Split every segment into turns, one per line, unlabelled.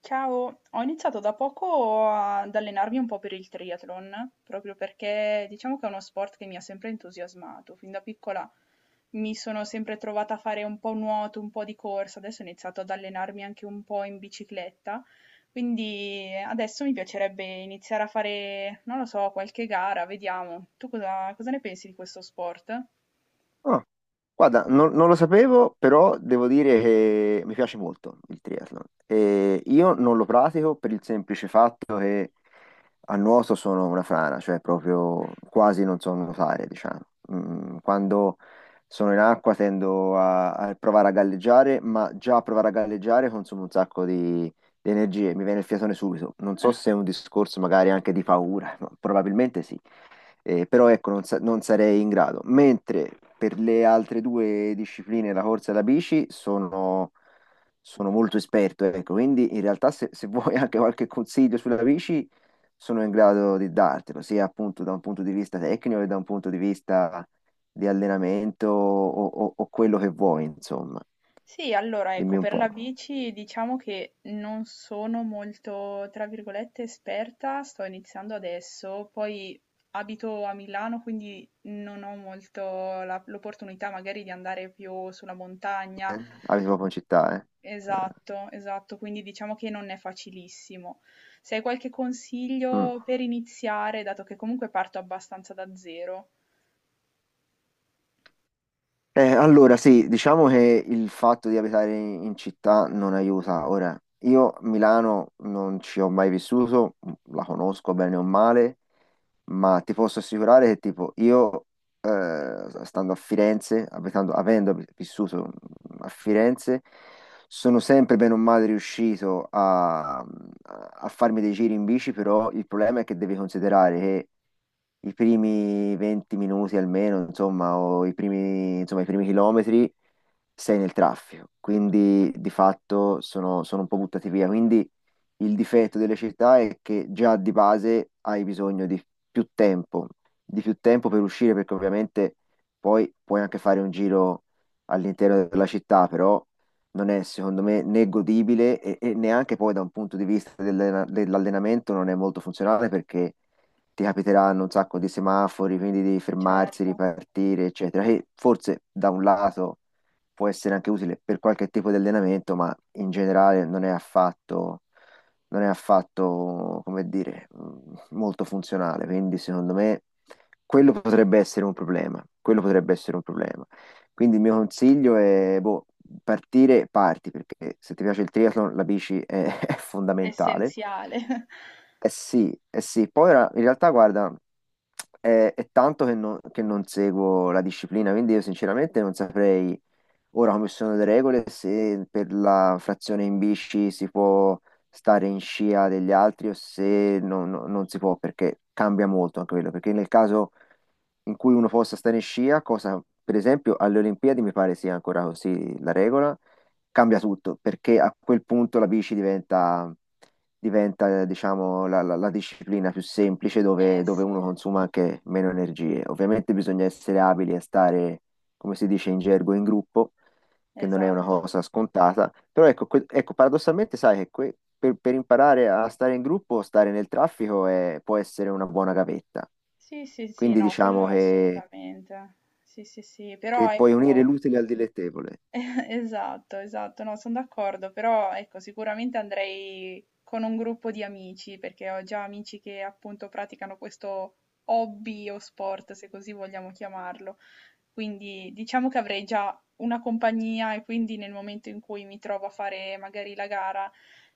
Ciao, ho iniziato da poco ad allenarmi un po' per il triathlon, proprio perché diciamo che è uno sport che mi ha sempre entusiasmato. Fin da piccola mi sono sempre trovata a fare un po' nuoto, un po' di corsa, adesso ho iniziato ad allenarmi anche un po' in bicicletta, quindi adesso mi piacerebbe iniziare a fare, non lo so, qualche gara, vediamo. Tu cosa, cosa ne pensi di questo sport?
Ah, guarda, non lo sapevo, però devo dire che mi piace molto il triathlon. E io non lo pratico per il semplice fatto che a nuoto sono una frana, cioè proprio quasi non so nuotare, diciamo. Quando sono in acqua tendo a provare a galleggiare, ma già a provare a galleggiare consumo un sacco di energie, mi viene il fiatone subito. Non so se è un discorso magari anche di paura, ma probabilmente sì. Però ecco, non sarei in grado. Mentre per le altre due discipline, la corsa e la bici, sono molto esperto, ecco. Quindi in realtà se vuoi anche qualche consiglio sulla bici, sono in grado di dartelo, sia appunto da un punto di vista tecnico che da un punto di vista di allenamento o quello che vuoi, insomma.
Sì, allora ecco,
Dimmi un
per
po'.
la bici diciamo che non sono molto, tra virgolette, esperta, sto iniziando adesso, poi abito a Milano, quindi non ho molto l'opportunità magari di andare più sulla montagna.
Eh? Abiti proprio in città, eh? Eh,
Esatto, esatto, quindi diciamo che non è facilissimo. Se hai qualche
mm.
consiglio per iniziare, dato che comunque parto abbastanza da zero,
Allora sì, diciamo che il fatto di abitare in città non aiuta. Ora, io Milano non ci ho mai vissuto, la conosco bene o male, ma ti posso assicurare che tipo io, stando a Firenze, avendo vissuto a Firenze, sono sempre bene o male riuscito a farmi dei giri in bici, però il problema è che devi considerare che i primi 20 minuti almeno, insomma, o i primi, insomma, i primi chilometri sei nel traffico, quindi di fatto sono un po' buttati via. Quindi il difetto delle città è che già di base hai bisogno più tempo, di più tempo per uscire, perché ovviamente poi puoi anche fare un giro all'interno della città, però non è secondo me né godibile e neanche poi da un punto di vista dell'allenamento non è molto funzionale perché ti capiteranno un sacco di semafori, quindi devi fermarsi,
certo,
ripartire, eccetera, che forse da un lato può essere anche utile per qualche tipo di allenamento, ma in generale non è affatto, come dire, molto funzionale, quindi secondo me quello potrebbe essere un problema, quello potrebbe essere un problema. Quindi il mio consiglio è, boh, parti, perché se ti piace il triathlon la bici è, è
è
fondamentale.
essenziale.
Sì, eh sì, poi ora, in realtà guarda, è tanto che non seguo la disciplina, quindi io sinceramente non saprei. Ora, come sono le regole, se per la frazione in bici si può stare in scia degli altri o se non si può, perché cambia molto anche quello, perché nel caso in cui uno possa stare in scia, cosa per esempio alle Olimpiadi mi pare sia ancora così la regola, cambia tutto, perché a quel punto la bici diventa, diciamo, la disciplina più semplice dove,
Eh
dove
sì,
uno consuma anche meno energie. Ovviamente bisogna essere abili a stare, come si dice in gergo, in gruppo che non è una
esatto.
cosa scontata. Però ecco, ecco, paradossalmente, sai che per imparare a stare in gruppo, stare nel traffico può essere una buona gavetta.
Sì, sì, sì,
Quindi
no, quello
diciamo che,
assolutamente. Sì, sì, sì,
che
però
puoi unire
ecco,
l'utile al dilettevole.
esatto, esatto, no, sono d'accordo, però ecco, sicuramente andrei con un gruppo di amici, perché ho già amici che appunto praticano questo hobby o sport, se così vogliamo chiamarlo. Quindi diciamo che avrei già una compagnia e quindi nel momento in cui mi trovo a fare magari la gara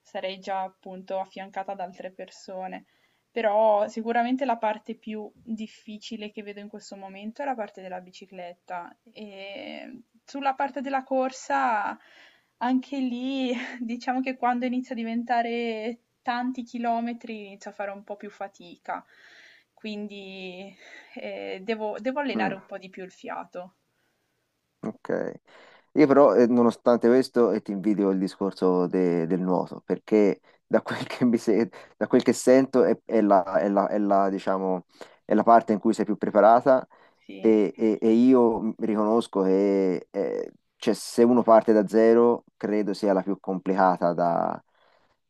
sarei già appunto affiancata da altre persone. Però sicuramente la parte più difficile che vedo in questo momento è la parte della bicicletta. E sulla parte della corsa, anche lì, diciamo che quando inizia a diventare tanti chilometri inizio a fare un po' più fatica. Quindi devo allenare
Mm,
un po' di più il fiato.
ok. Io però, nonostante questo, ti invidio il discorso del nuoto, perché da quel che mi se- da quel che sento è la, diciamo, è la parte in cui sei più preparata.
Sì,
E io riconosco che cioè, se uno parte da zero, credo sia la più complicata da,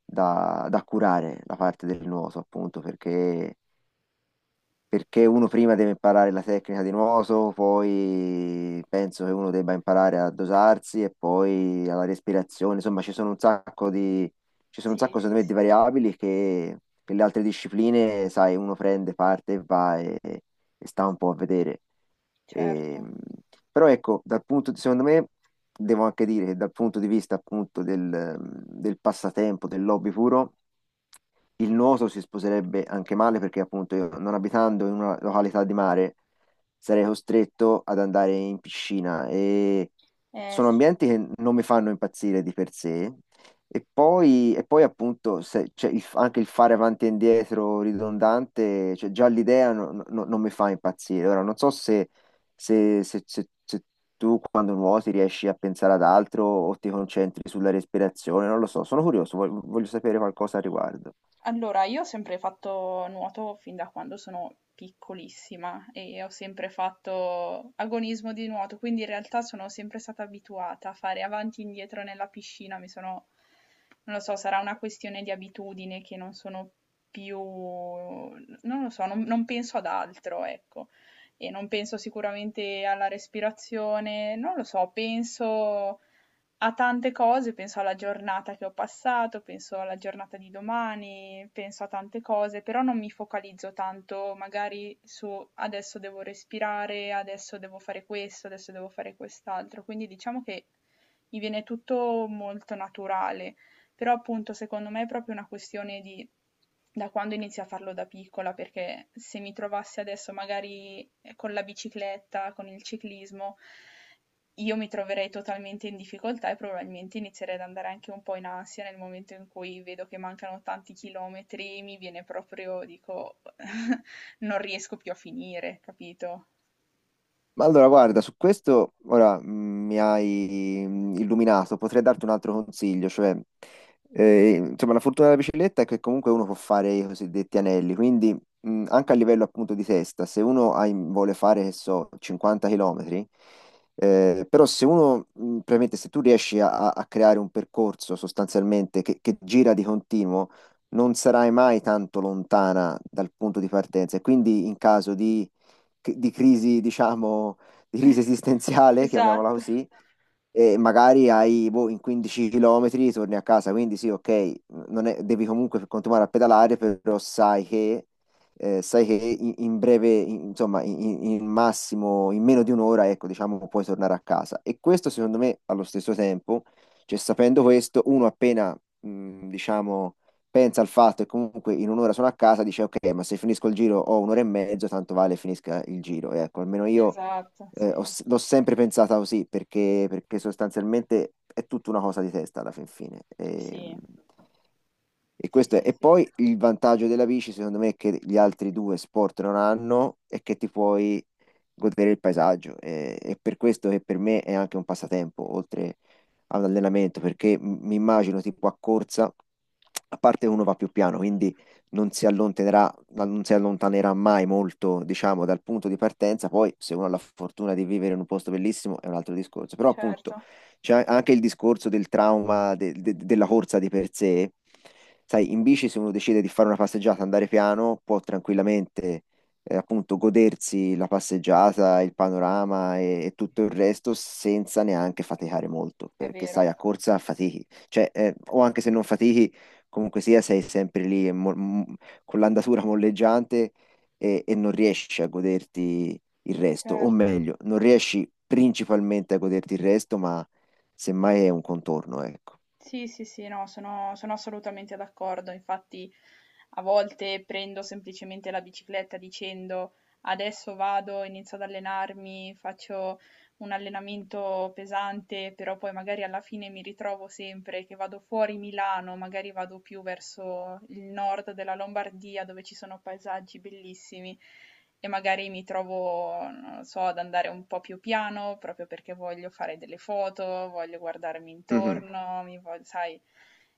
da- da curare, la parte del nuoto, appunto, perché uno prima deve imparare la tecnica di nuoto, poi penso che uno debba imparare a dosarsi e poi alla respirazione. Insomma, ci sono un
sì,
sacco,
sì,
secondo me, di
sì,
variabili che le altre discipline, sai, uno prende parte e va e sta un po' a vedere. E,
certo.
però ecco, dal punto di, secondo me, devo anche dire che dal punto di vista appunto del passatempo, del hobby puro, il nuoto si sposerebbe anche male perché appunto io non abitando in una località di mare sarei costretto ad andare in piscina e
Eh
sono
sì.
ambienti che non mi fanno impazzire di per sé e poi appunto cioè, anche il fare avanti e indietro ridondante, cioè, già l'idea non mi fa impazzire. Ora non so se tu quando nuoti riesci a pensare ad altro o ti concentri sulla respirazione, non lo so, sono curioso, voglio sapere qualcosa al riguardo.
Allora, io ho sempre fatto nuoto fin da quando sono piccolissima e ho sempre fatto agonismo di nuoto, quindi in realtà sono sempre stata abituata a fare avanti e indietro nella piscina, mi sono, non lo so, sarà una questione di abitudine che non sono più, non lo so, non penso ad altro, ecco, e non penso sicuramente alla respirazione, non lo so, penso a tante cose, penso alla giornata che ho passato, penso alla giornata di domani, penso a tante cose, però non mi focalizzo tanto magari su adesso devo respirare, adesso devo fare questo, adesso devo fare quest'altro, quindi diciamo che mi viene tutto molto naturale, però appunto secondo me è proprio una questione di da quando inizio a farlo da piccola, perché se mi trovassi adesso magari con la bicicletta, con il ciclismo, io mi troverei totalmente in difficoltà e probabilmente inizierei ad andare anche un po' in ansia nel momento in cui vedo che mancano tanti chilometri, mi viene proprio, dico, non riesco più a finire, capito?
Ma allora, guarda, su questo ora mi hai illuminato, potrei darti un altro consiglio, cioè, insomma, la fortuna della bicicletta è che comunque uno può fare i cosiddetti anelli, quindi anche a livello appunto di testa, se uno vuole fare, che so, 50 km, però se uno, probabilmente se tu riesci a creare un percorso sostanzialmente che gira di continuo, non sarai mai tanto lontana dal punto di partenza e quindi in caso di crisi, diciamo, di crisi esistenziale, chiamiamola
Esatto,
così, e magari hai, boh, in 15 km torni a casa, quindi sì, ok, non è- devi comunque continuare a pedalare, però sai che in breve, insomma, in massimo, in meno di un'ora, ecco, diciamo, puoi tornare a casa. E questo, secondo me, allo stesso tempo, cioè sapendo questo, uno appena, diciamo pensa al fatto che comunque in un'ora sono a casa, dice ok, ma se finisco il giro ho un'ora e mezzo, tanto vale finisca il giro. E ecco, almeno io
esatto, sì,
l'ho sempre pensata così perché sostanzialmente è tutta una cosa di testa alla fin fine. E,
sì,
e
sì,
questo è.
sì,
E
sì,
poi il vantaggio della bici, secondo me, che gli altri due sport non hanno è che ti puoi godere il paesaggio. E per questo che per me è anche un passatempo, oltre a un allenamento, perché mi immagino tipo a corsa, a parte uno va più piano, quindi non si allontanerà ma non si allontanerà mai molto, diciamo, dal punto di partenza. Poi, se uno ha la fortuna di vivere in un posto bellissimo, è un altro discorso. Però, appunto,
certo,
c'è anche il discorso del trauma della corsa di per sé. Sai, in bici, se uno decide di fare una passeggiata, andare piano, può tranquillamente, appunto, godersi la passeggiata, il panorama e tutto il resto senza neanche faticare molto,
è
perché
vero,
sai, a corsa fatichi, cioè, o anche se non fatichi comunque sia, sei sempre lì e con l'andatura molleggiante e non riesci a goderti il resto, o
certo.
meglio, non riesci principalmente a goderti il resto, ma semmai è un contorno, ecco.
Sì, sì, sì, no, sono assolutamente d'accordo. Infatti, a volte prendo semplicemente la bicicletta dicendo adesso vado, inizio ad allenarmi, faccio un allenamento pesante, però poi magari alla fine mi ritrovo sempre che vado fuori Milano, magari vado più verso il nord della Lombardia dove ci sono paesaggi bellissimi e magari mi trovo, non lo so, ad andare un po' più piano proprio perché voglio fare delle foto, voglio guardarmi
Mhm.
intorno, mi voglio, sai,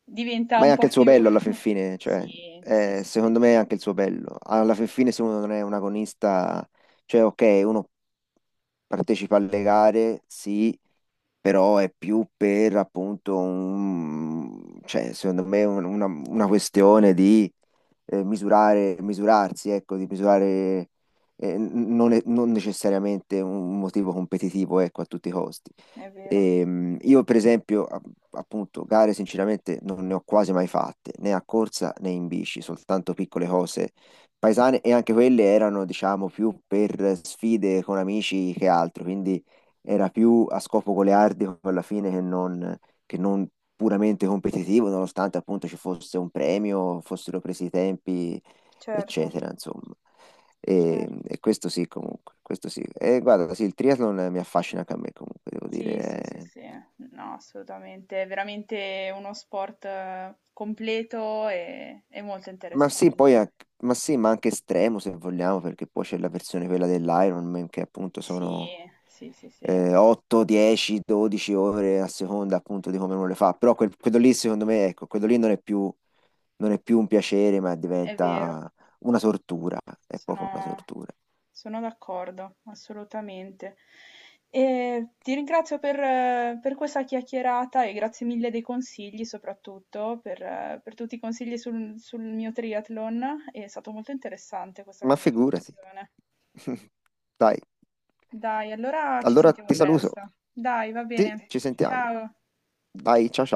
diventa
Ma è
un
anche
po'
il suo
più...
bello alla fin fine, cioè,
Sì, sì, sì, sì,
secondo me è
sì,
anche il suo bello. Alla fin fine, se uno non è un agonista, cioè, ok, uno partecipa alle gare, sì, però è più per appunto un, cioè, secondo me una questione di misurare, misurarsi, ecco, di misurare non necessariamente un motivo competitivo, ecco, a tutti i costi.
è vero,
Io, per esempio, appunto, gare sinceramente non ne ho quasi mai fatte, né a corsa né in bici, soltanto piccole cose paesane e anche quelle erano, diciamo, più per sfide con amici che altro, quindi era più a scopo goliardico alla fine che non che non puramente competitivo, nonostante appunto ci fosse un premio, fossero presi i tempi,
certo,
eccetera, insomma. E,
certo.
e questo sì, comunque, questo sì. E guarda, sì, il triathlon mi affascina anche a me, comunque, devo
Sì, sì,
dire.
sì, sì, no, assolutamente, è veramente uno sport completo e molto
Ma sì,
interessante.
ma sì, ma anche estremo se vogliamo, perché poi c'è la versione quella dell'Ironman che appunto
Sì,
sono
sì, sì, sì,
8, 10, 12 ore a seconda appunto di come uno le fa. Però quello lì, secondo me, ecco, quello lì non è più un piacere, ma
è vero,
diventa una tortura, è proprio una
sono,
tortura.
sono d'accordo, assolutamente. E ti ringrazio per questa chiacchierata e grazie mille dei consigli, soprattutto per tutti i consigli sul, sul mio triathlon, è stato molto interessante questa
Ma figurati.
conversazione.
Dai,
Dai, allora ci
allora
sentiamo
ti saluto.
presto. Dai, va bene.
Ci sentiamo.
Ciao.
Dai, ciao ciao.